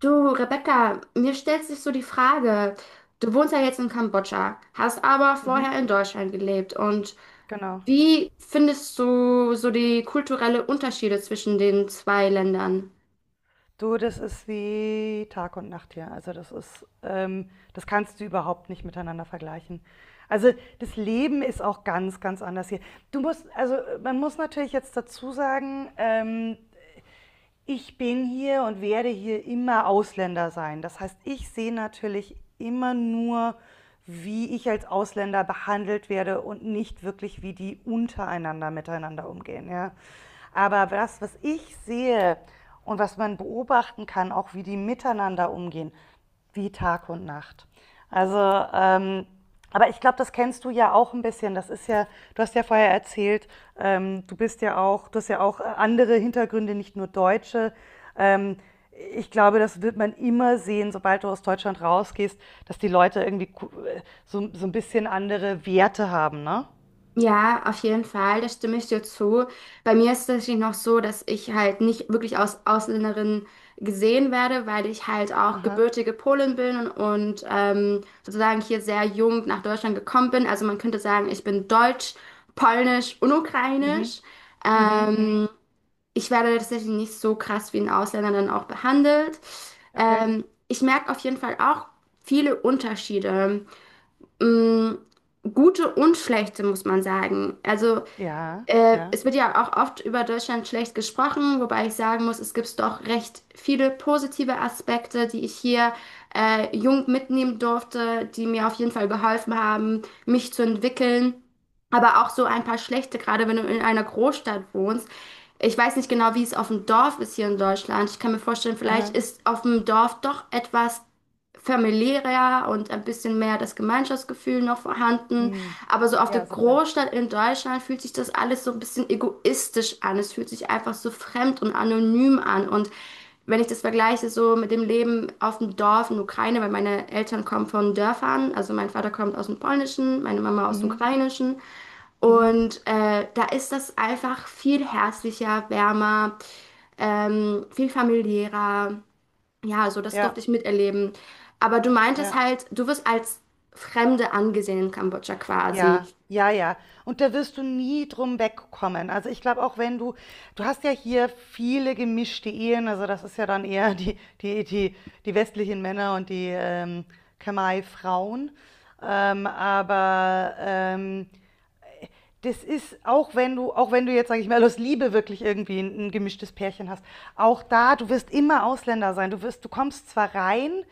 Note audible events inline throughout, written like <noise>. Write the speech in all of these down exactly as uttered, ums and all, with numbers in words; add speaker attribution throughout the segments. Speaker 1: Du, Rebecca, mir stellt sich so die Frage, du wohnst ja jetzt in Kambodscha, hast aber
Speaker 2: Mhm,
Speaker 1: vorher in Deutschland gelebt und
Speaker 2: genau.
Speaker 1: wie findest du so die kulturellen Unterschiede zwischen den zwei Ländern?
Speaker 2: Du, das ist wie Tag und Nacht hier. Also das ist, ähm, das kannst du überhaupt nicht miteinander vergleichen. Also das Leben ist auch ganz, ganz anders hier. Du musst, also äh, man muss natürlich jetzt dazu sagen, ähm, ich bin hier und werde hier immer Ausländer sein. Das heißt, ich sehe natürlich immer nur, wie ich als Ausländer behandelt werde und nicht wirklich, wie die untereinander miteinander umgehen. Ja? Aber das, was ich sehe und was man beobachten kann, auch wie die miteinander umgehen, wie Tag und Nacht. Also, ähm, aber ich glaube, das kennst du ja auch ein bisschen. Das ist ja, du hast ja vorher erzählt, ähm, du bist ja auch, du hast ja auch äh, andere Hintergründe, nicht nur deutsche. Ähm, ich glaube, das wird man immer sehen, sobald du aus Deutschland rausgehst, dass die Leute irgendwie äh, so, so ein bisschen andere Werte haben, ne?
Speaker 1: Ja, auf jeden Fall, da stimme ich dir zu. Bei mir ist es tatsächlich noch so, dass ich halt nicht wirklich als Ausländerin gesehen werde, weil ich halt auch
Speaker 2: Aha.
Speaker 1: gebürtige Polin bin und ähm, sozusagen hier sehr jung nach Deutschland gekommen bin. Also man könnte sagen, ich bin deutsch, polnisch und
Speaker 2: Mhm.
Speaker 1: ukrainisch.
Speaker 2: Mhm.
Speaker 1: Ähm,
Speaker 2: Mhm.
Speaker 1: ich werde tatsächlich nicht so krass wie ein Ausländer dann auch behandelt.
Speaker 2: Okay.
Speaker 1: Ähm, ich merke auf jeden Fall auch viele Unterschiede mh, gute und schlechte, muss man sagen. Also
Speaker 2: Ja,
Speaker 1: äh,
Speaker 2: ja.
Speaker 1: es wird ja auch oft über Deutschland schlecht gesprochen, wobei ich sagen muss, es gibt doch recht viele positive Aspekte, die ich hier äh, jung mitnehmen durfte, die mir auf jeden Fall geholfen haben, mich zu entwickeln. Aber auch so ein paar schlechte, gerade wenn du in einer Großstadt wohnst. Ich weiß nicht genau, wie es auf dem Dorf ist hier in Deutschland. Ich kann mir vorstellen, vielleicht
Speaker 2: Aha.
Speaker 1: ist auf dem Dorf doch etwas familiärer und ein bisschen mehr das Gemeinschaftsgefühl noch vorhanden.
Speaker 2: Mhm.
Speaker 1: Aber so auf der
Speaker 2: Ja, sicher.
Speaker 1: Großstadt in Deutschland fühlt sich das alles so ein bisschen egoistisch an. Es fühlt sich einfach so fremd und anonym an. Und wenn ich das vergleiche so mit dem Leben auf dem Dorf in Ukraine, weil meine Eltern kommen von Dörfern, also mein Vater kommt aus dem Polnischen, meine Mama aus dem
Speaker 2: Mhm.
Speaker 1: Ukrainischen.
Speaker 2: Mhm.
Speaker 1: Und äh, da ist das einfach viel herzlicher, wärmer, ähm, viel familiärer. Ja, also das
Speaker 2: Ja,
Speaker 1: durfte ich miterleben. Aber du meintest
Speaker 2: ja.
Speaker 1: halt, du wirst als Fremde angesehen in Kambodscha quasi.
Speaker 2: Ja, ja, ja. Und da wirst du nie drum wegkommen. Also ich glaube, auch wenn du, du hast ja hier viele gemischte Ehen, also das ist ja dann eher <laughs> die, die, die, die westlichen Männer und die ähm, Khmer-Frauen. Ähm, aber ähm, das ist, auch wenn du, auch wenn du jetzt, sage ich mal, aus Liebe wirklich irgendwie ein, ein gemischtes Pärchen hast, auch da, du wirst immer Ausländer sein. Du wirst, du kommst zwar rein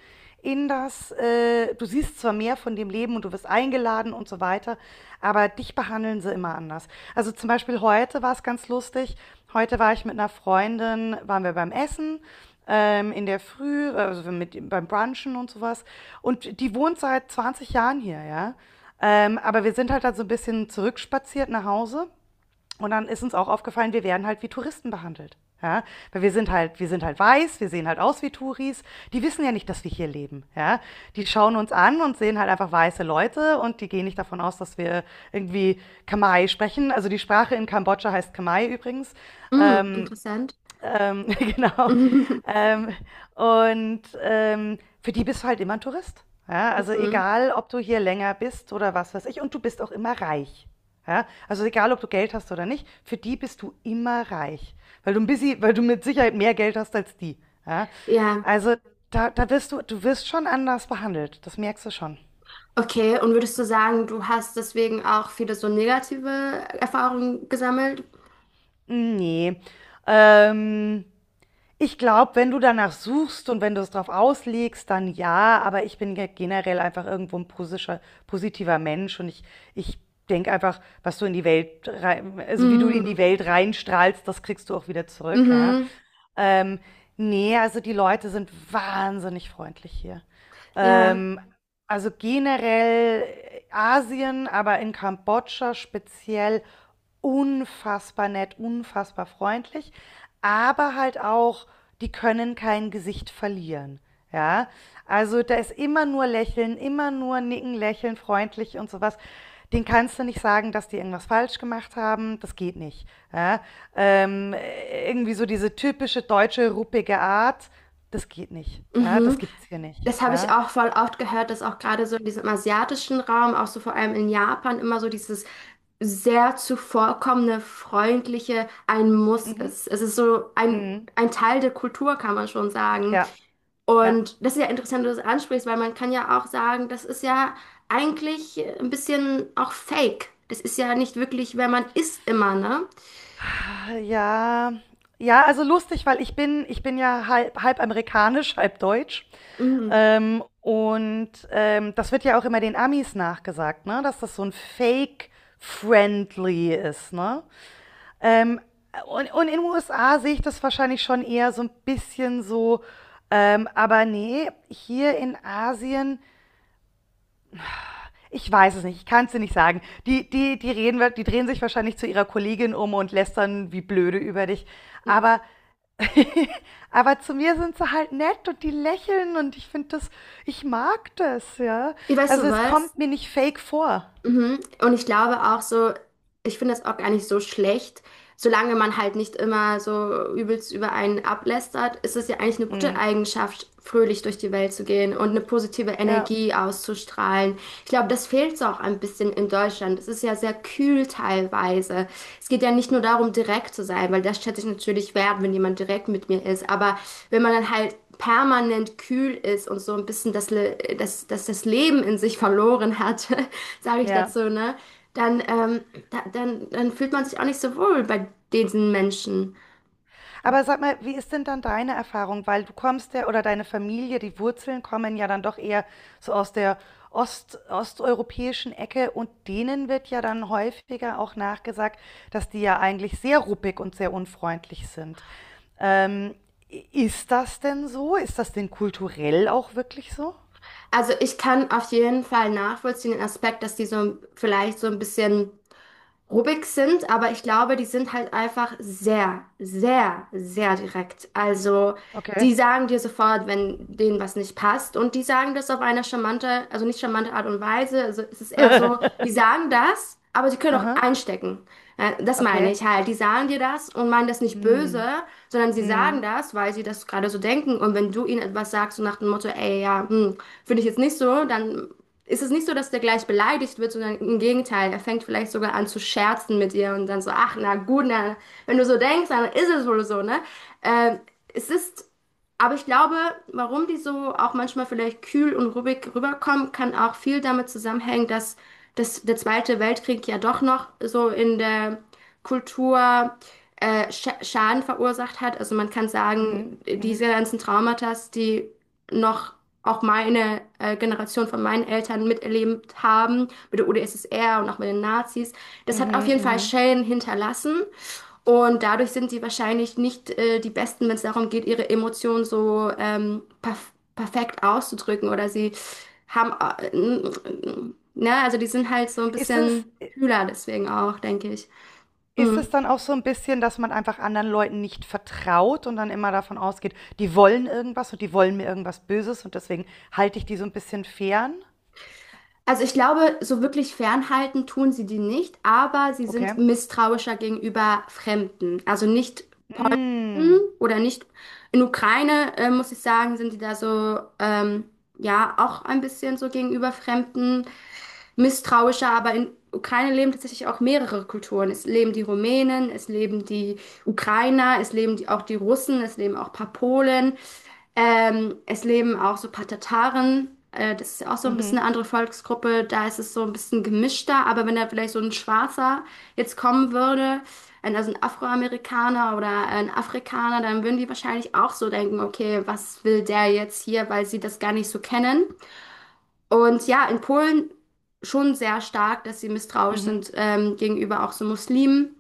Speaker 2: in das, äh, Du siehst zwar mehr von dem Leben und du wirst eingeladen und so weiter, aber dich behandeln sie immer anders. Also zum Beispiel heute war es ganz lustig. Heute war ich mit einer Freundin, waren wir beim Essen ähm, in der Früh, also mit, beim Brunchen und sowas. Und die wohnt seit zwanzig Jahren hier, ja. Ähm, aber wir sind halt dann so ein bisschen zurückspaziert nach Hause und dann ist uns auch aufgefallen, wir werden halt wie Touristen behandelt. Ja, weil wir sind halt, wir sind halt weiß, wir sehen halt aus wie Touris. Die wissen ja nicht, dass wir hier leben. Ja, die schauen uns an und sehen halt einfach weiße Leute und die gehen nicht davon aus, dass wir irgendwie Khmer sprechen. Also die Sprache in Kambodscha heißt Khmer übrigens.
Speaker 1: Hm,
Speaker 2: Ähm,
Speaker 1: interessant.
Speaker 2: ähm, <laughs> genau.
Speaker 1: <laughs>
Speaker 2: Ähm, und ähm, für die bist du halt immer ein Tourist. Ja, also
Speaker 1: Mhm.
Speaker 2: egal, ob du hier länger bist oder was weiß ich, und du bist auch immer reich. Ja, also egal, ob du Geld hast oder nicht, für die bist du immer reich, weil du ein bisschen, weil du mit Sicherheit mehr Geld hast als die. Ja,
Speaker 1: Ja,
Speaker 2: also da, da wirst du, du wirst schon anders behandelt, das merkst du schon.
Speaker 1: okay. Und würdest du sagen, du hast deswegen auch viele so negative Erfahrungen gesammelt?
Speaker 2: Nee. Ähm, Ich glaube, wenn du danach suchst und wenn du es drauf auslegst, dann ja, aber ich bin ge- generell einfach irgendwo ein posischer, positiver Mensch und ich, ich denke einfach, was du in die Welt rein, also wie du in
Speaker 1: Mhm.
Speaker 2: die Welt reinstrahlst, das kriegst du auch wieder zurück, ja.
Speaker 1: Mhm.
Speaker 2: Ähm, nee, also die Leute sind wahnsinnig freundlich hier.
Speaker 1: Ja.
Speaker 2: Ähm, also generell Asien, aber in Kambodscha speziell unfassbar nett, unfassbar freundlich, aber halt auch, die können kein Gesicht verlieren. Ja, also da ist immer nur Lächeln, immer nur Nicken, Lächeln, freundlich und sowas. Den kannst du nicht sagen, dass die irgendwas falsch gemacht haben. Das geht nicht. Ja? Ähm, irgendwie so diese typische deutsche ruppige Art, das geht nicht. Ja? Das
Speaker 1: Mhm.
Speaker 2: gibt's hier nicht.
Speaker 1: Das habe ich
Speaker 2: Ja?
Speaker 1: auch voll oft gehört, dass auch gerade so in diesem asiatischen Raum, auch so vor allem in Japan, immer so dieses sehr zuvorkommende, freundliche ein Muss
Speaker 2: Mhm.
Speaker 1: ist. Es ist so ein,
Speaker 2: Mhm.
Speaker 1: ein Teil der Kultur, kann man schon sagen.
Speaker 2: Ja, ja.
Speaker 1: Und das ist ja interessant, dass du das ansprichst, weil man kann ja auch sagen, das ist ja eigentlich ein bisschen auch fake. Das ist ja nicht wirklich, wer man ist immer, ne?
Speaker 2: Äh, ja, ja, also lustig, weil ich bin, ich bin ja halb, halb amerikanisch, halb deutsch.
Speaker 1: Mhm.
Speaker 2: Ähm, und ähm, das wird ja auch immer den Amis nachgesagt, ne? Dass das so ein Fake-Friendly ist, ne? Ähm, und, und in den U S A sehe ich das wahrscheinlich schon eher so ein bisschen so, ähm, aber nee, hier in Asien. Ich weiß es nicht, ich kann es dir nicht sagen. Die, die, die, reden, die drehen sich wahrscheinlich zu ihrer Kollegin um und lästern wie blöde über dich. Aber, <laughs> aber zu mir sind sie halt nett und die lächeln und ich finde das, ich mag das, ja.
Speaker 1: Weißt
Speaker 2: Also
Speaker 1: du
Speaker 2: es
Speaker 1: was?
Speaker 2: kommt mir nicht fake vor.
Speaker 1: Mhm. Und ich glaube auch so, ich finde das auch gar nicht so schlecht solange man halt nicht immer so übelst über einen ablästert, ist es ja eigentlich eine gute
Speaker 2: Mm,
Speaker 1: Eigenschaft, fröhlich durch die Welt zu gehen und eine positive
Speaker 2: ja,
Speaker 1: Energie auszustrahlen. Ich glaube, das fehlt so auch ein bisschen in Deutschland. Es ist ja sehr kühl teilweise. Es geht ja nicht nur darum, direkt zu sein, weil das schätze ich natürlich wert, wenn jemand direkt mit mir ist. Aber wenn man dann halt permanent kühl ist und so ein bisschen das, Le- das, das, das Leben in sich verloren hat, <laughs> sage ich
Speaker 2: ja.
Speaker 1: dazu, ne? dann, ähm, da, dann, dann fühlt man sich auch nicht so wohl bei diesen Menschen.
Speaker 2: Aber sag mal, wie ist denn dann deine Erfahrung? Weil du kommst ja, oder deine Familie, die Wurzeln kommen ja dann doch eher so aus der Ost, osteuropäischen Ecke und denen wird ja dann häufiger auch nachgesagt, dass die ja eigentlich sehr ruppig und sehr unfreundlich sind. Ähm, ist das denn so? Ist das denn kulturell auch wirklich so?
Speaker 1: Also ich kann auf jeden Fall nachvollziehen den Aspekt, dass die so vielleicht so ein bisschen Rubiks sind, aber ich glaube, die sind halt einfach sehr, sehr, sehr direkt. Also
Speaker 2: Okay.
Speaker 1: die sagen dir sofort, wenn denen was nicht passt und die sagen das auf eine charmante, also nicht charmante Art und Weise. Also es ist eher so, die
Speaker 2: <laughs>
Speaker 1: sagen das, aber sie können auch
Speaker 2: Aha,
Speaker 1: einstecken. Äh, Das meine
Speaker 2: okay.
Speaker 1: ich halt. Die sagen dir das und meinen das nicht böse,
Speaker 2: Hm.
Speaker 1: sondern sie sagen
Speaker 2: Mhm.
Speaker 1: das, weil sie das gerade so denken. Und wenn du ihnen etwas sagst, so nach dem Motto, ey, ja, hm, finde ich jetzt nicht so, dann ist es nicht so, dass der gleich beleidigt wird, sondern im Gegenteil, er fängt vielleicht sogar an zu scherzen mit ihr und dann so, ach na gut, na, wenn du so denkst, dann ist es wohl so, ne? Ähm, es ist, aber ich glaube, warum die so auch manchmal vielleicht kühl und ruhig rüberkommen, kann auch viel damit zusammenhängen, dass, dass der Zweite Weltkrieg ja doch noch so in der Kultur äh, Scha- Schaden verursacht hat. Also man kann
Speaker 2: Mhm.
Speaker 1: sagen,
Speaker 2: Mhm.
Speaker 1: diese ganzen Traumata, die noch auch meine äh, Generation von meinen Eltern miterlebt haben, mit der U D S S R und auch mit den Nazis, das hat auf
Speaker 2: Mhm.
Speaker 1: jeden Fall
Speaker 2: Mhm.
Speaker 1: Schäden hinterlassen. Und dadurch sind sie wahrscheinlich nicht äh, die Besten, wenn es darum geht, ihre Emotionen so ähm, perf perfekt auszudrücken. Oder sie haben, äh, ne, also die sind halt so ein
Speaker 2: Ist es.
Speaker 1: bisschen kühler deswegen auch, denke ich.
Speaker 2: Ist
Speaker 1: Mm.
Speaker 2: es dann auch so ein bisschen, dass man einfach anderen Leuten nicht vertraut und dann immer davon ausgeht: „Die wollen irgendwas und die wollen mir irgendwas Böses und deswegen halte ich die so ein bisschen fern?“
Speaker 1: Also ich glaube, so wirklich fernhalten tun sie die nicht, aber sie
Speaker 2: Okay.
Speaker 1: sind misstrauischer gegenüber Fremden. Also nicht
Speaker 2: Hm.
Speaker 1: Polen oder nicht in Ukraine, äh, muss ich sagen, sind die da so, ähm, ja, auch ein bisschen so gegenüber Fremden misstrauischer, aber in Ukraine leben tatsächlich auch mehrere Kulturen. Es leben die Rumänen, es leben die Ukrainer, es leben die, auch die Russen, es leben auch ein paar Polen. Ähm, es leben auch so ein paar Tataren. Äh, das ist ja auch so ein bisschen
Speaker 2: Mhm.
Speaker 1: eine andere Volksgruppe. Da ist es so ein bisschen gemischter. Aber wenn da vielleicht so ein Schwarzer jetzt kommen würde, ein- also ein Afroamerikaner oder ein Afrikaner, dann würden die wahrscheinlich auch so denken, okay, was will der jetzt hier, weil sie das gar nicht so kennen. Und ja, in Polen schon sehr stark, dass sie misstrauisch
Speaker 2: Mhm.
Speaker 1: sind ähm, gegenüber auch so Muslimen.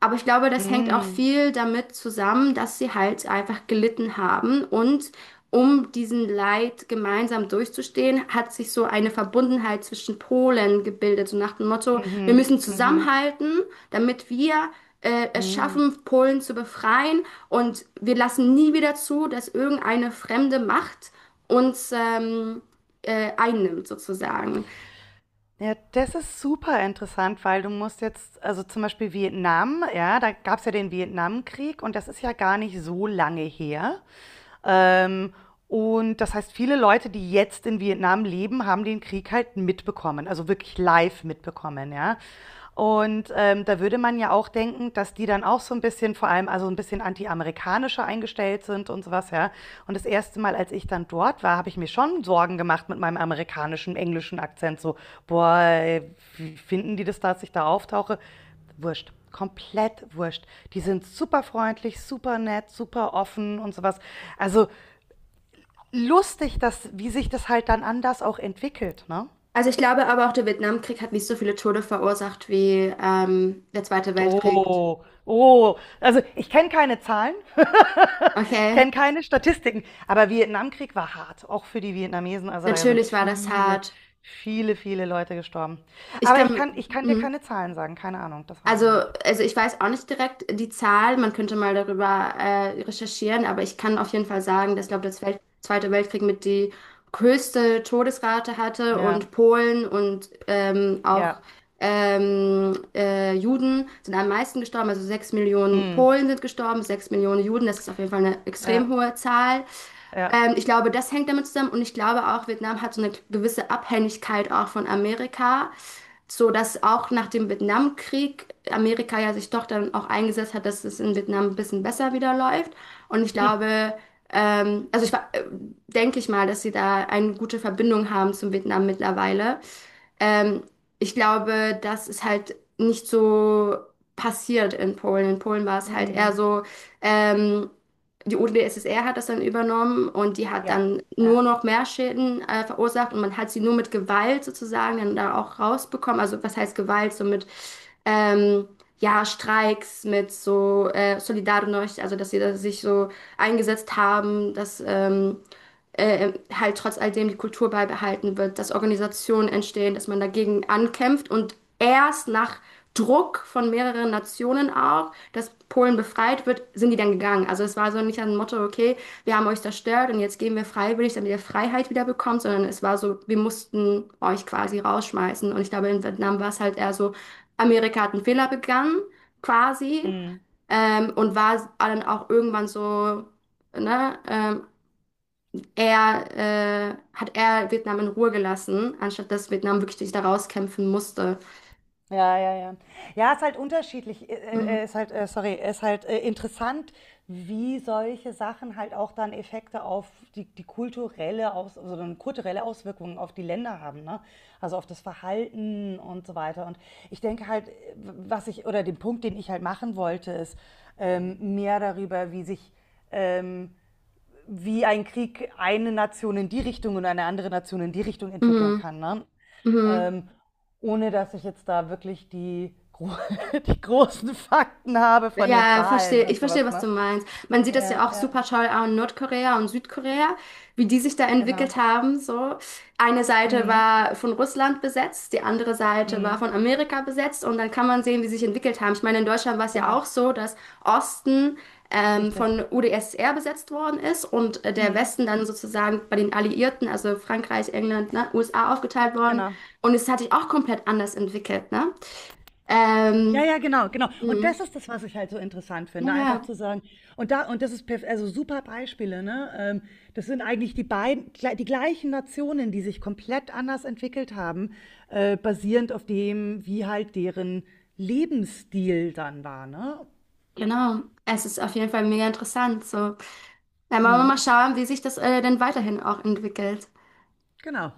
Speaker 1: Aber ich glaube, das hängt auch
Speaker 2: Mhm.
Speaker 1: viel damit zusammen, dass sie halt einfach gelitten haben. Und um diesen Leid gemeinsam durchzustehen, hat sich so eine Verbundenheit zwischen Polen gebildet. So nach dem Motto, wir
Speaker 2: Mhm.
Speaker 1: müssen
Speaker 2: Mhm.
Speaker 1: zusammenhalten, damit wir äh, es
Speaker 2: Hm.
Speaker 1: schaffen, Polen zu befreien. Und wir lassen nie wieder zu, dass irgendeine fremde Macht uns ähm, äh, einnimmt, sozusagen.
Speaker 2: Ja, das ist super interessant, weil du musst jetzt also, zum Beispiel Vietnam, ja, da gab's ja den Vietnamkrieg und das ist ja gar nicht so lange her. Ähm, und das heißt, viele Leute, die jetzt in Vietnam leben, haben den Krieg halt mitbekommen, also wirklich live mitbekommen, ja. Und ähm, da würde man ja auch denken, dass die dann auch so ein bisschen, vor allem also ein bisschen anti-amerikanischer eingestellt sind und sowas, ja. Und das erste Mal, als ich dann dort war, habe ich mir schon Sorgen gemacht mit meinem amerikanischen, englischen Akzent. So, boah, ey, wie finden die das, dass ich da auftauche? Wurscht. Komplett wurscht. Die sind super freundlich, super nett, super offen und sowas. Also lustig, dass, wie sich das halt dann anders auch entwickelt, ne?
Speaker 1: Also ich glaube aber auch, der Vietnamkrieg hat nicht so viele Tote verursacht wie ähm, der Zweite Weltkrieg.
Speaker 2: Oh, oh. Also ich kenne keine Zahlen, ich
Speaker 1: Okay,
Speaker 2: kenne keine Statistiken, aber Vietnamkrieg war hart, auch für die Vietnamesen. Also da sind
Speaker 1: natürlich war das
Speaker 2: viele,
Speaker 1: hart.
Speaker 2: viele, viele Leute gestorben.
Speaker 1: Ich
Speaker 2: Aber ich
Speaker 1: kann.
Speaker 2: kann, ich kann dir
Speaker 1: Mhm.
Speaker 2: keine Zahlen sagen, keine Ahnung, das weiß
Speaker 1: Also,
Speaker 2: ich nicht.
Speaker 1: also ich weiß auch nicht direkt die Zahl, man könnte mal darüber äh, recherchieren, aber ich kann auf jeden Fall sagen, dass, glaube ich, der Welt Zweite Weltkrieg mit die höchste Todesrate hatte
Speaker 2: Ja,
Speaker 1: und Polen und ähm, auch
Speaker 2: ja,
Speaker 1: ähm, äh, Juden sind am meisten gestorben, also sechs Millionen
Speaker 2: mm,
Speaker 1: Polen sind gestorben, sechs Millionen Juden, das ist auf jeden Fall eine
Speaker 2: ja,
Speaker 1: extrem hohe Zahl.
Speaker 2: ja,
Speaker 1: Ähm, ich glaube, das hängt damit zusammen und ich glaube auch, Vietnam hat so eine gewisse Abhängigkeit auch von Amerika, so dass auch nach dem Vietnamkrieg Amerika ja sich doch dann auch eingesetzt hat, dass es in Vietnam ein bisschen besser wieder läuft. Und ich
Speaker 2: <laughs> hm,
Speaker 1: glaube, ähm, also ich wa- äh, denke ich mal, dass sie da eine gute Verbindung haben zum Vietnam mittlerweile. Ähm, ich glaube, das ist halt nicht so passiert in Polen. In Polen war es halt eher
Speaker 2: mm,
Speaker 1: so, ähm, die U D S S R hat das dann übernommen und die hat
Speaker 2: ja,
Speaker 1: dann nur
Speaker 2: ja,
Speaker 1: noch mehr Schäden äh, verursacht und man hat sie nur mit Gewalt sozusagen dann da auch rausbekommen. Also was heißt Gewalt? So mit ähm, ja, Streiks, mit so äh, Solidarność, also dass sie da sich so eingesetzt haben, dass ähm, äh, halt trotz alledem die Kultur beibehalten wird, dass Organisationen entstehen, dass man dagegen ankämpft und erst nach Druck von mehreren Nationen auch, dass Polen befreit wird, sind die dann gegangen. Also es war so nicht ein Motto, okay, wir haben euch zerstört und jetzt gehen wir freiwillig, damit ihr Freiheit wieder bekommt, sondern es war so, wir mussten euch quasi rausschmeißen. Und ich glaube, in Vietnam war es halt eher so, Amerika hat einen Fehler begangen, quasi,
Speaker 2: mm.
Speaker 1: ähm, und war dann auch irgendwann so, ne, ähm, er, äh, hat er Vietnam in Ruhe gelassen, anstatt dass Vietnam wirklich sich da rauskämpfen musste.
Speaker 2: Ja, ja, ja. Ja, ist halt unterschiedlich. Äh,
Speaker 1: Mhm.
Speaker 2: äh, äh, Ist halt, äh, sorry, ist halt äh, interessant, wie solche Sachen halt auch dann Effekte auf die, die kulturelle Aus, also dann kulturelle Auswirkungen auf die Länder haben, ne? Also auf das Verhalten und so weiter. Und ich denke halt, äh, was ich, oder den Punkt, den ich halt machen wollte, ist ähm, mehr darüber, wie sich ähm, wie ein Krieg eine Nation in die Richtung und eine andere Nation in die Richtung entwickeln
Speaker 1: Mhm.
Speaker 2: kann. Ne?
Speaker 1: Mhm.
Speaker 2: ähm, ohne dass ich jetzt da wirklich die, gro <laughs> die großen Fakten habe von den
Speaker 1: Ja,
Speaker 2: Zahlen
Speaker 1: verstehe.
Speaker 2: und
Speaker 1: Ich verstehe,
Speaker 2: sowas,
Speaker 1: was
Speaker 2: ne?
Speaker 1: du meinst. Man sieht das ja
Speaker 2: Ja,
Speaker 1: auch
Speaker 2: ja,
Speaker 1: super toll an Nordkorea und Südkorea, wie die sich da
Speaker 2: genau.
Speaker 1: entwickelt haben. So, eine Seite
Speaker 2: Mhm.
Speaker 1: war von Russland besetzt, die andere Seite war
Speaker 2: Mhm.
Speaker 1: von Amerika besetzt und dann kann man sehen, wie sie sich entwickelt haben. Ich meine, in Deutschland war es ja auch
Speaker 2: Genau,
Speaker 1: so, dass Osten ähm,
Speaker 2: richtig.
Speaker 1: von U D S S R besetzt worden ist und äh, der
Speaker 2: Mhm.
Speaker 1: Westen dann sozusagen bei den Alliierten, also Frankreich, England, ne, U S A aufgeteilt worden.
Speaker 2: Genau.
Speaker 1: Und es hat sich auch komplett anders entwickelt, ne?
Speaker 2: Ja,
Speaker 1: Ähm,
Speaker 2: ja, genau, genau. Und
Speaker 1: mh.
Speaker 2: das ist das, was ich halt so interessant
Speaker 1: Ja,
Speaker 2: finde, einfach zu
Speaker 1: ja.
Speaker 2: sagen. Und da und das ist perf- also super Beispiele, ne? Ähm, das sind eigentlich die beiden gle- die gleichen Nationen, die sich komplett anders entwickelt haben, äh, basierend auf dem, wie halt deren Lebensstil dann war, ne?
Speaker 1: Genau, es ist auf jeden Fall mega interessant. So, dann wollen wir
Speaker 2: Mhm.
Speaker 1: mal schauen, wie sich das äh, denn weiterhin auch entwickelt.
Speaker 2: Genau.